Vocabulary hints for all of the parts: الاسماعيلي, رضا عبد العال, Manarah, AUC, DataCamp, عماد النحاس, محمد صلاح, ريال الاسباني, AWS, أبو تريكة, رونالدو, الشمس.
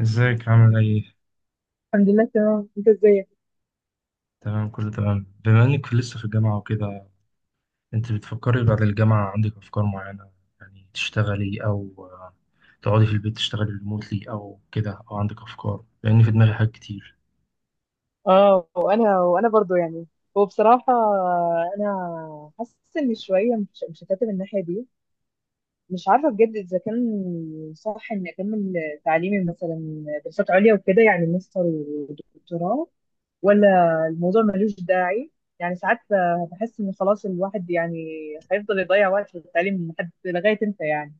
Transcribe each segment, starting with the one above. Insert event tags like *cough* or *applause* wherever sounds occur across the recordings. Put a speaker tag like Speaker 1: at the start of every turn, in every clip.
Speaker 1: ازيك عامل ايه؟
Speaker 2: الحمد لله، تمام. انت ازيك؟
Speaker 1: تمام، كله تمام. بما انك لسه في الجامعة وكده، انت بتفكري بعد الجامعة عندك افكار معينة؟ يعني تشتغلي او تقعدي في البيت تشتغلي ريموتلي او كده، او عندك افكار؟ لان في دماغي حاجات كتير.
Speaker 2: اه، وانا برضو يعني. هو بصراحة، انا حاسس ان شوية مش هكتب الناحية دي. مش عارفة بجد اذا كان صح اني اكمل تعليمي مثلا دراسات عليا وكده يعني ماستر ودكتوراه، ولا الموضوع ملوش داعي. يعني ساعات بحس ان خلاص الواحد يعني هيفضل يضيع وقت في التعليم لحد لغاية امتى يعني،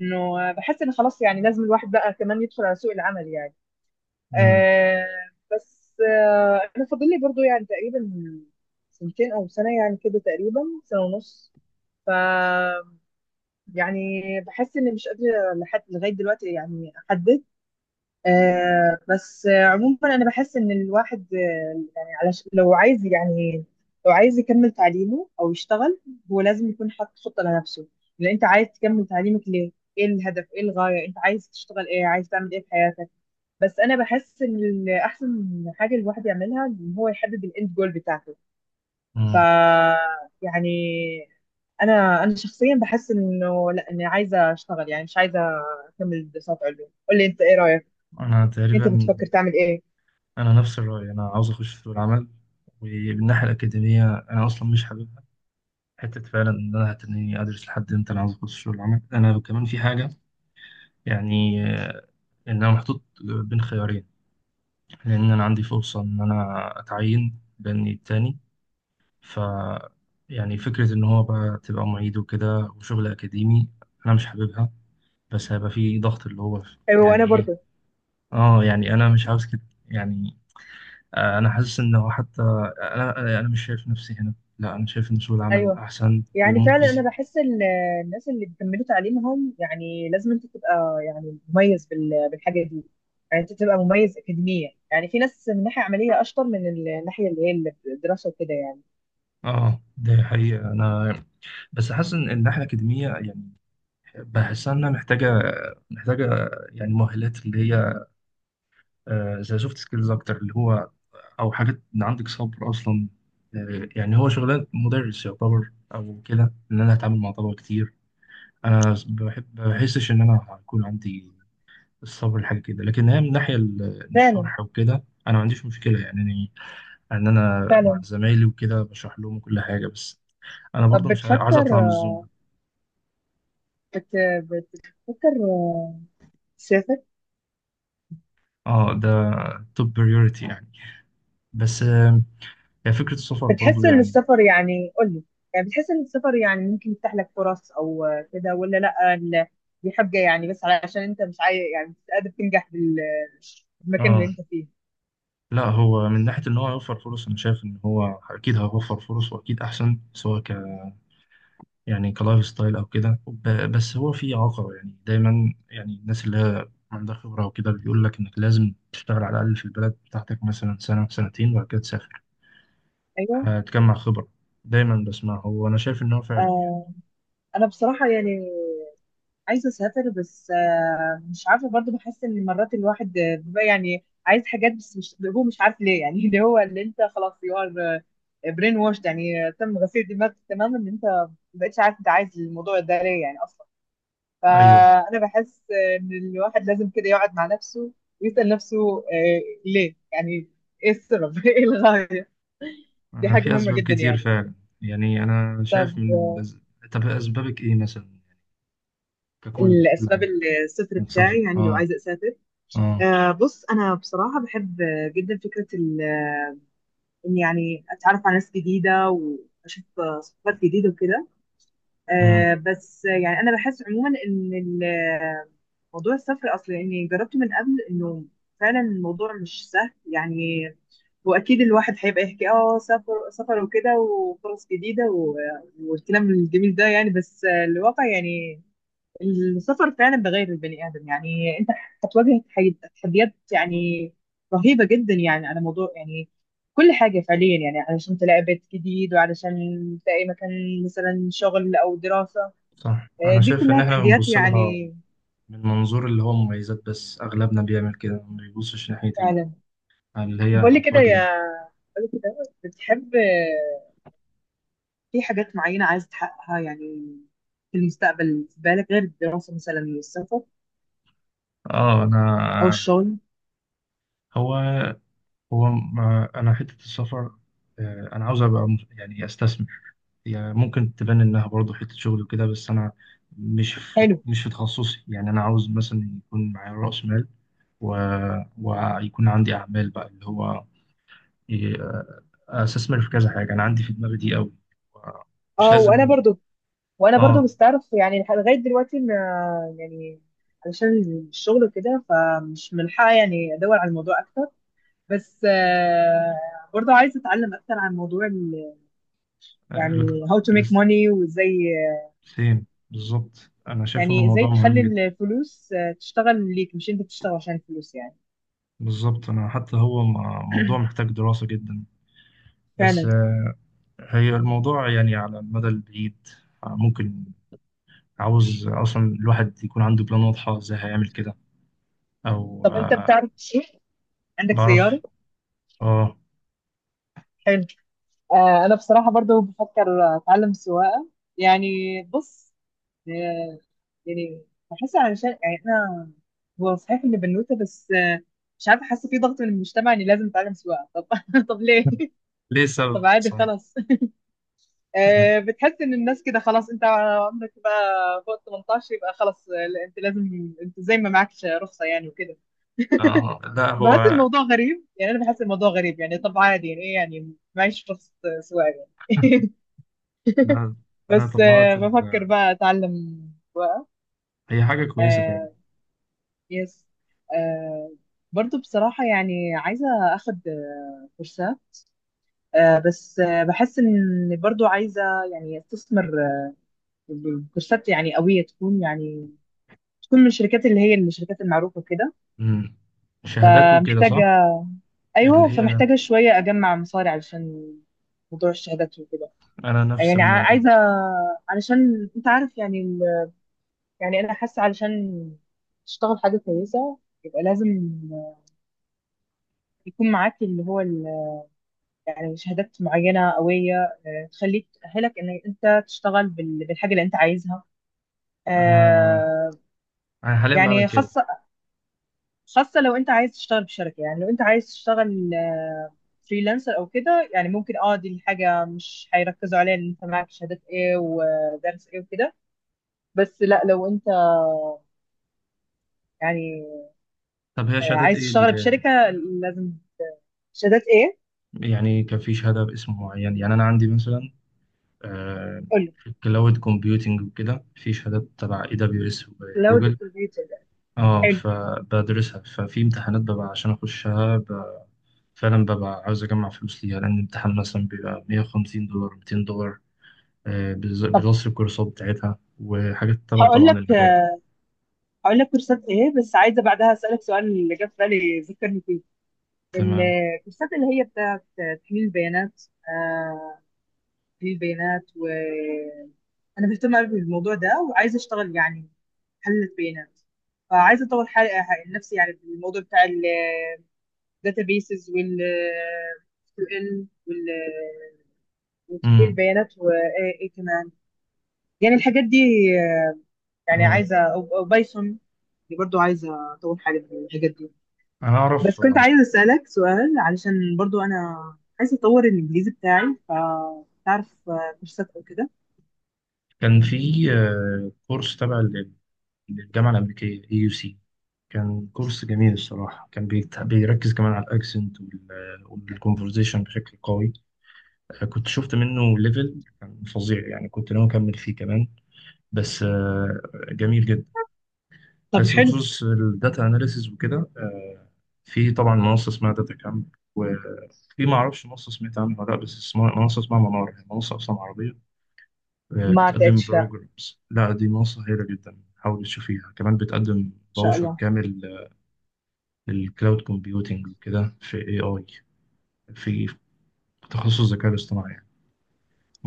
Speaker 2: انه بحس ان خلاص يعني لازم الواحد بقى كمان يدخل على سوق العمل يعني.
Speaker 1: امم
Speaker 2: آه. بس انا فاضل لي برضو يعني تقريبا سنتين او سنه، يعني كده تقريبا سنه ونص. ف يعني بحس اني مش قادره لحد لغايه دلوقتي يعني احدد. بس عموما انا بحس ان الواحد يعني لو عايز يعني لو عايز يكمل تعليمه او يشتغل، هو لازم يكون حاطط خطه لنفسه. لان انت عايز تكمل تعليمك ليه؟ ايه الهدف؟ ايه الغايه؟ انت عايز تشتغل ايه؟ عايز تعمل ايه في حياتك؟ بس انا بحس ان احسن حاجه الواحد يعملها ان هو يحدد الاند جول بتاعته. ف
Speaker 1: امم
Speaker 2: يعني، انا شخصيا بحس انه لا، اني عايزه اشتغل يعني، مش عايزه اكمل دراسات علوم. قول لي انت، ايه رايك؟
Speaker 1: انا تقريبا.
Speaker 2: انت بتفكر تعمل ايه؟
Speaker 1: انا نفس الرأي، انا عاوز اخش في سوق العمل. وبالناحية الأكاديمية أنا أصلا مش حاببها، حتة فعلا إن أنا هتنيني أدرس لحد إمتى؟ أنا عاوز أخش في سوق العمل. أنا كمان في حاجة، يعني إن أنا محطوط بين خيارين، لأن أنا عندي فرصة إن أنا أتعين بني التاني. ف يعني فكرة إن هو بقى تبقى معيد وكده وشغل أكاديمي، أنا مش حاببها. بس هيبقى في ضغط اللي هو،
Speaker 2: ايوه، وانا
Speaker 1: يعني إيه،
Speaker 2: برضو.
Speaker 1: آه يعني أنا مش عاوز كده. يعني أنا حاسس إن هو حتى أنا مش شايف نفسي هنا. لا، أنا شايف إن سوق العمل
Speaker 2: ايوه،
Speaker 1: أحسن
Speaker 2: يعني فعلا
Speaker 1: ومجزي.
Speaker 2: انا بحس الناس اللي بيكملوا تعليمهم يعني لازم انت تبقى يعني مميز بالحاجه دي. يعني انت تبقى مميز اكاديميا. يعني في ناس من ناحيه عمليه اشطر من الناحيه اللي هي الدراسه وكده يعني.
Speaker 1: آه، ده حقيقة. أنا بس حاسس إن الناحية الأكاديمية يعني بحسها إنها محتاجة يعني مؤهلات اللي هي زي سوفت سكيلز أكتر، اللي هو او حاجات ان عندك صبر اصلا. يعني هو شغلان مدرس يعتبر او كده، ان انا هتعامل مع طلبه كتير. انا بحب بحسش ان انا هيكون عندي الصبر لحاجه كده. لكن هي من ناحيه
Speaker 2: فعلا،
Speaker 1: الشرح وكده، انا ما عنديش مشكله يعني إني ان انا مع
Speaker 2: فعلا.
Speaker 1: زمايلي وكده بشرح لهم كل حاجه. بس انا
Speaker 2: طب
Speaker 1: برضو مش عايز
Speaker 2: بتفكر،
Speaker 1: اطلع من الزون ده.
Speaker 2: بت... بتفكر تسافر؟
Speaker 1: اه، ده توب بريورتي يعني. بس هي فكره السفر برضو
Speaker 2: بتحس ان
Speaker 1: يعني.
Speaker 2: السفر يعني، قول لي، يعني بتحس ان السفر يعني ممكن يفتح لك فرص او كده، ولا لا دي حاجة يعني بس علشان انت مش عايز، يعني مش قادر تنجح بالمكان اللي
Speaker 1: آه،
Speaker 2: انت فيه؟
Speaker 1: لا، هو من ناحية إن هو هيوفر فرص، أنا شايف إن هو أكيد هيوفر فرص وأكيد أحسن، سواء يعني كلايف ستايل أو كده. بس هو في عقبة، يعني دايما يعني الناس اللي هي عندها خبرة وكده بيقول لك إنك لازم تشتغل على الأقل في البلد بتاعتك مثلا سنة سنتين، وبعد كده تسافر،
Speaker 2: ايوه.
Speaker 1: هتجمع خبرة. دايما بسمعه، وأنا شايف إن هو فعلا يعني.
Speaker 2: آه انا بصراحة يعني عايزه اسافر، بس مش عارفه برضو. بحس ان مرات الواحد بيبقى يعني عايز حاجات بس مش، هو مش عارف ليه يعني. *laughs* اللي هو، اللي انت خلاص يو ار برين واشد يعني. تم غسيل دماغك تماما، ان انت ما بقتش عارف انت عايز الموضوع ده ليه يعني اصلا.
Speaker 1: أيوه.
Speaker 2: فانا بحس ان الواحد لازم كده يقعد مع نفسه ويسال نفسه، ليه يعني؟ ايه السبب؟ *laughs* ايه الغايه؟ دي
Speaker 1: أنا
Speaker 2: حاجه
Speaker 1: في
Speaker 2: مهمه
Speaker 1: أسباب
Speaker 2: جدا
Speaker 1: كتير
Speaker 2: يعني.
Speaker 1: فعلا. يعني أنا
Speaker 2: طب
Speaker 1: شايف طب أسبابك إيه مثلا؟ ككل كل
Speaker 2: الاسباب،
Speaker 1: حاجة.
Speaker 2: السفر
Speaker 1: السفر،
Speaker 2: بتاعي يعني لو
Speaker 1: أه
Speaker 2: عايزه اسافر. بص، أنا بصراحة بحب جدا فكرة إن يعني أتعرف على ناس جديدة وأشوف ثقافات جديدة وكده.
Speaker 1: أه
Speaker 2: بس يعني أنا بحس عموما إن موضوع السفر أصلا يعني جربته من قبل، إنه فعلا الموضوع مش سهل يعني. وأكيد الواحد هيبقى يحكي، أه سفر سفر وكده، وفرص جديدة، و- والكلام الجميل ده يعني. بس الواقع يعني، السفر فعلا بغير البني ادم يعني. *laughs* انت هتواجه تحديات يعني رهيبه جدا. يعني على موضوع يعني كل حاجه، فعليا يعني، علشان تلاقي بيت جديد، وعلشان تلاقي مكان مثلا شغل او دراسه.
Speaker 1: صح، أنا
Speaker 2: دي
Speaker 1: شايف إن
Speaker 2: كلها
Speaker 1: إحنا
Speaker 2: تحديات
Speaker 1: بنبص لها
Speaker 2: يعني.
Speaker 1: من منظور اللي هو مميزات، بس أغلبنا بيعمل كده، ما بيبصش ناحية
Speaker 2: فعلا.
Speaker 1: اللي هي
Speaker 2: طب قول لي كده
Speaker 1: هتواجه إيه.
Speaker 2: يا، قولي كده، بتحب في حاجات معينه عايز تحققها يعني في المستقبل، في بالك غير الدراسه مثلا والسفر
Speaker 1: آه،
Speaker 2: او
Speaker 1: أنا
Speaker 2: الشغل؟
Speaker 1: هو هو ما أنا حتة السفر. أنا عاوز أبقى يعني أستثمر. يعني ممكن تبان إنها برضه حتة شغل وكده، بس أنا مش في
Speaker 2: حلو.
Speaker 1: مش في تخصصي. يعني أنا عاوز مثلا يكون معايا رأس مال و... ويكون عندي أعمال، بقى اللي هو إيه، أستثمر في كذا حاجة. أنا عندي في دماغي دي أوي، مش
Speaker 2: اه، وانا
Speaker 1: لازم.
Speaker 2: برضو، وانا برضو
Speaker 1: اه،
Speaker 2: مستعرف يعني لغايه دلوقتي ما، يعني علشان الشغل وكده فمش ملحقه يعني ادور على الموضوع اكتر. بس برضو عايزه اتعلم اكتر عن موضوع
Speaker 1: الك-
Speaker 2: يعني how to make
Speaker 1: الاس-
Speaker 2: money، وازاي
Speaker 1: سيم بالظبط، انا شايف ان
Speaker 2: يعني ازاي
Speaker 1: الموضوع مهم
Speaker 2: تخلي
Speaker 1: جدا.
Speaker 2: الفلوس تشتغل ليك، مش انت بتشتغل عشان الفلوس يعني.
Speaker 1: بالظبط، انا حتى هو موضوع محتاج دراسة جدا. بس
Speaker 2: فعلا.
Speaker 1: هي الموضوع يعني على المدى البعيد، ممكن. عاوز اصلا الواحد يكون عنده بلان واضحة ازاي هيعمل كده، او
Speaker 2: طب انت بتعرف تسوق؟ عندك
Speaker 1: بعرف.
Speaker 2: سياره؟
Speaker 1: اه.
Speaker 2: حلو. انا بصراحه برضو بفكر اتعلم سواقه. يعني بص، هي- يعني بحس علشان يعني انا، هو صحيح اني بنوته، بس مش عارفه، حاسه في ضغط من المجتمع اني لازم اتعلم سواقه. طب *laughs* طب ليه؟
Speaker 1: ليه السبب
Speaker 2: طب عادي
Speaker 1: صحيح.
Speaker 2: خلاص.
Speaker 1: *laughs*
Speaker 2: بتحس ان الناس كده خلاص، انت عمرك بقى فوق 18 يبقى خلاص، لا، انت لازم، انت زي ما معكش رخصه يعني وكده.
Speaker 1: آه، لا
Speaker 2: بحس
Speaker 1: هو
Speaker 2: الموضوع غريب يعني، انا بحس الموضوع غريب يعني. طب عادي يعني، ايه يعني معيش رخصه سواقه يعني؟ *laughs*
Speaker 1: لا. أنا
Speaker 2: بس بفكر بقى اتعلم سواقه.
Speaker 1: هي حاجة كويسة فعلا.
Speaker 2: آه، يس. آه، برضو بصراحة يعني عايزة أخد كورسات. آه، بس بحس إن برضو عايزة يعني أستثمر كورسات يعني قوية، تكون يعني تكون من الشركات اللي هي الشركات المعروفة كده.
Speaker 1: مم. شهادات
Speaker 2: آه،
Speaker 1: وكده
Speaker 2: محتاجة،
Speaker 1: صح؟
Speaker 2: أيوة،
Speaker 1: اللي هي،
Speaker 2: فمحتاجة شوية أجمع مصاري علشان موضوع الشهادات وكده.
Speaker 1: أنا نفس
Speaker 2: يعني
Speaker 1: الموضوع.
Speaker 2: عايزة، علشان أنت عارف يعني يعني أنا حاسة، علشان تشتغل حاجة كويسة يبقى لازم يكون معاك اللي هو يعني شهادات معينة قوية، تخليك، تأهلك إن أنت تشتغل بالحاجة اللي أنت عايزها.
Speaker 1: أنا
Speaker 2: آه،
Speaker 1: انا حاليا بعمل
Speaker 2: يعني
Speaker 1: كده.
Speaker 2: خاصة، خاصة لو أنت عايز تشتغل في شركة. يعني لو أنت عايز تشتغل فريلانسر أو كده، يعني ممكن أه دي الحاجة مش هيركزوا عليها إن أنت معاك شهادات إيه ودرس إيه وكده. بس لا، لو أنت يعني
Speaker 1: طب هي شهادات
Speaker 2: عايز
Speaker 1: ايه
Speaker 2: تشتغل
Speaker 1: اللي
Speaker 2: بشركة لازم شهادات إيه.
Speaker 1: يعني؟ كان في شهاده باسم معين، يعني انا عندي مثلا آه،
Speaker 2: قولي.
Speaker 1: في كلاود كومبيوتنج وكده، في شهادات تبع اي دبليو اس
Speaker 2: لو
Speaker 1: وجوجل.
Speaker 2: ديكوريتور.
Speaker 1: اه،
Speaker 2: حلو.
Speaker 1: فبدرسها. ففي امتحانات ببقى عشان اخشها فعلا، ببقى عاوز اجمع فلوس ليها، لان الامتحان مثلا بيبقى $150 $200.
Speaker 2: طب
Speaker 1: بلس الكورسات بتاعتها وحاجات تبع
Speaker 2: هقول
Speaker 1: طبعا
Speaker 2: لك،
Speaker 1: المجال.
Speaker 2: هقول لك كورسات ايه، بس عايزه بعدها اسالك سؤال اللي جه في بالي، ذكرني فيه.
Speaker 1: تمام.
Speaker 2: الكورسات اللي هي بتاعت تحليل البيانات. آه، تحليل البيانات. انا مهتمه قوي بالموضوع ده، وعايزه اشتغل يعني محلل بيانات. فعايزه اطور حالي، نفسي يعني في الموضوع بتاع الداتابيسز، وال اس كيو ال، وتحليل
Speaker 1: امم،
Speaker 2: البيانات، وايه كمان يعني الحاجات دي. يعني
Speaker 1: اه،
Speaker 2: عايزه، او أو بايثون، برضو عايزه اطور حالي في الحاجات دي.
Speaker 1: انا
Speaker 2: بس
Speaker 1: اعرف.
Speaker 2: كنت عايزة أسألك سؤال، علشان برضو أنا عايزة أطور الإنجليزي بتاعي. فتعرف كورسات أو كده؟
Speaker 1: كان في كورس تبع للجامعة الأمريكية اي يو سي. كان كورس جميل الصراحة، كان بيركز كمان على الأكسنت والكونفرزيشن بشكل قوي. كنت شفت منه ليفل كان فظيع، يعني كنت ناوي أكمل فيه كمان. بس جميل جدا.
Speaker 2: طب
Speaker 1: بس
Speaker 2: حلو.
Speaker 1: بخصوص الداتا أناليسيز وكده في طبعا منصة اسمها داتا كامب. وفي، ما أعرفش منصة سمعت عنها ولا لأ، بس اسمها، منصة اسمها منار، هي منصة أصلا عربية.
Speaker 2: ما
Speaker 1: بتقدم
Speaker 2: لقيتش، لا.
Speaker 1: بروجرامز. لا، دي منصة هايلة جدا، حاول تشوفيها. كمان بتقدم
Speaker 2: إن شاء
Speaker 1: باوشر
Speaker 2: الله.
Speaker 1: كامل الكلاود كومبيوتينج وكده، في اي اي، في تخصص الذكاء الاصطناعي يعني.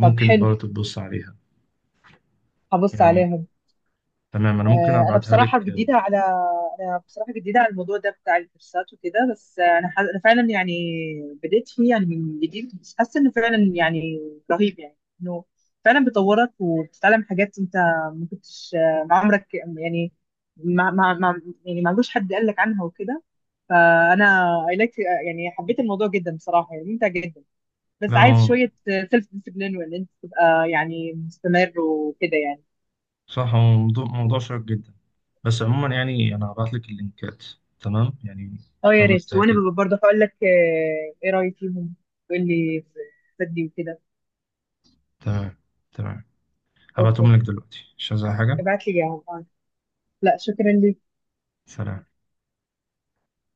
Speaker 2: طب حلو،
Speaker 1: برضه تبص عليها
Speaker 2: هبص
Speaker 1: يعني.
Speaker 2: عليها.
Speaker 1: تمام، انا ممكن
Speaker 2: انا
Speaker 1: ابعتها لك.
Speaker 2: بصراحه جديده على، انا بصراحه جديده على الموضوع ده بتاع الكورسات وكده. بس انا انا فعلا يعني بديت فيه يعني من جديد، بس حاسه انه فعلا يعني رهيب يعني، انه فعلا بيطورك وبتتعلم حاجات انت ما كنتش، ما عمرك يعني، ما ما ما يعني ما عندوش حد قال لك عنها وكده. فانا اي لايك يعني، حبيت الموضوع جدا بصراحه، يعني ممتع جدا. بس
Speaker 1: لا
Speaker 2: عايز
Speaker 1: هو
Speaker 2: شويه سيلف ديسيبلين، وان انت تبقى يعني مستمر وكده يعني.
Speaker 1: صح، هو موضوع موضوع شيق جدا. بس عموما يعني انا هبعت لك اللينكات. تمام، يعني
Speaker 2: اه يا
Speaker 1: خمس
Speaker 2: ريت،
Speaker 1: دقايق
Speaker 2: وانا
Speaker 1: كده.
Speaker 2: ببقى برضه هقول لك ايه رايي فيهم. تقول لي فادي وكده.
Speaker 1: تمام، تمام،
Speaker 2: اوكي،
Speaker 1: هبعتهم لك دلوقتي. مش عايز أي حاجة.
Speaker 2: ابعت لي يا عم. لا، شكرا ليك.
Speaker 1: سلام.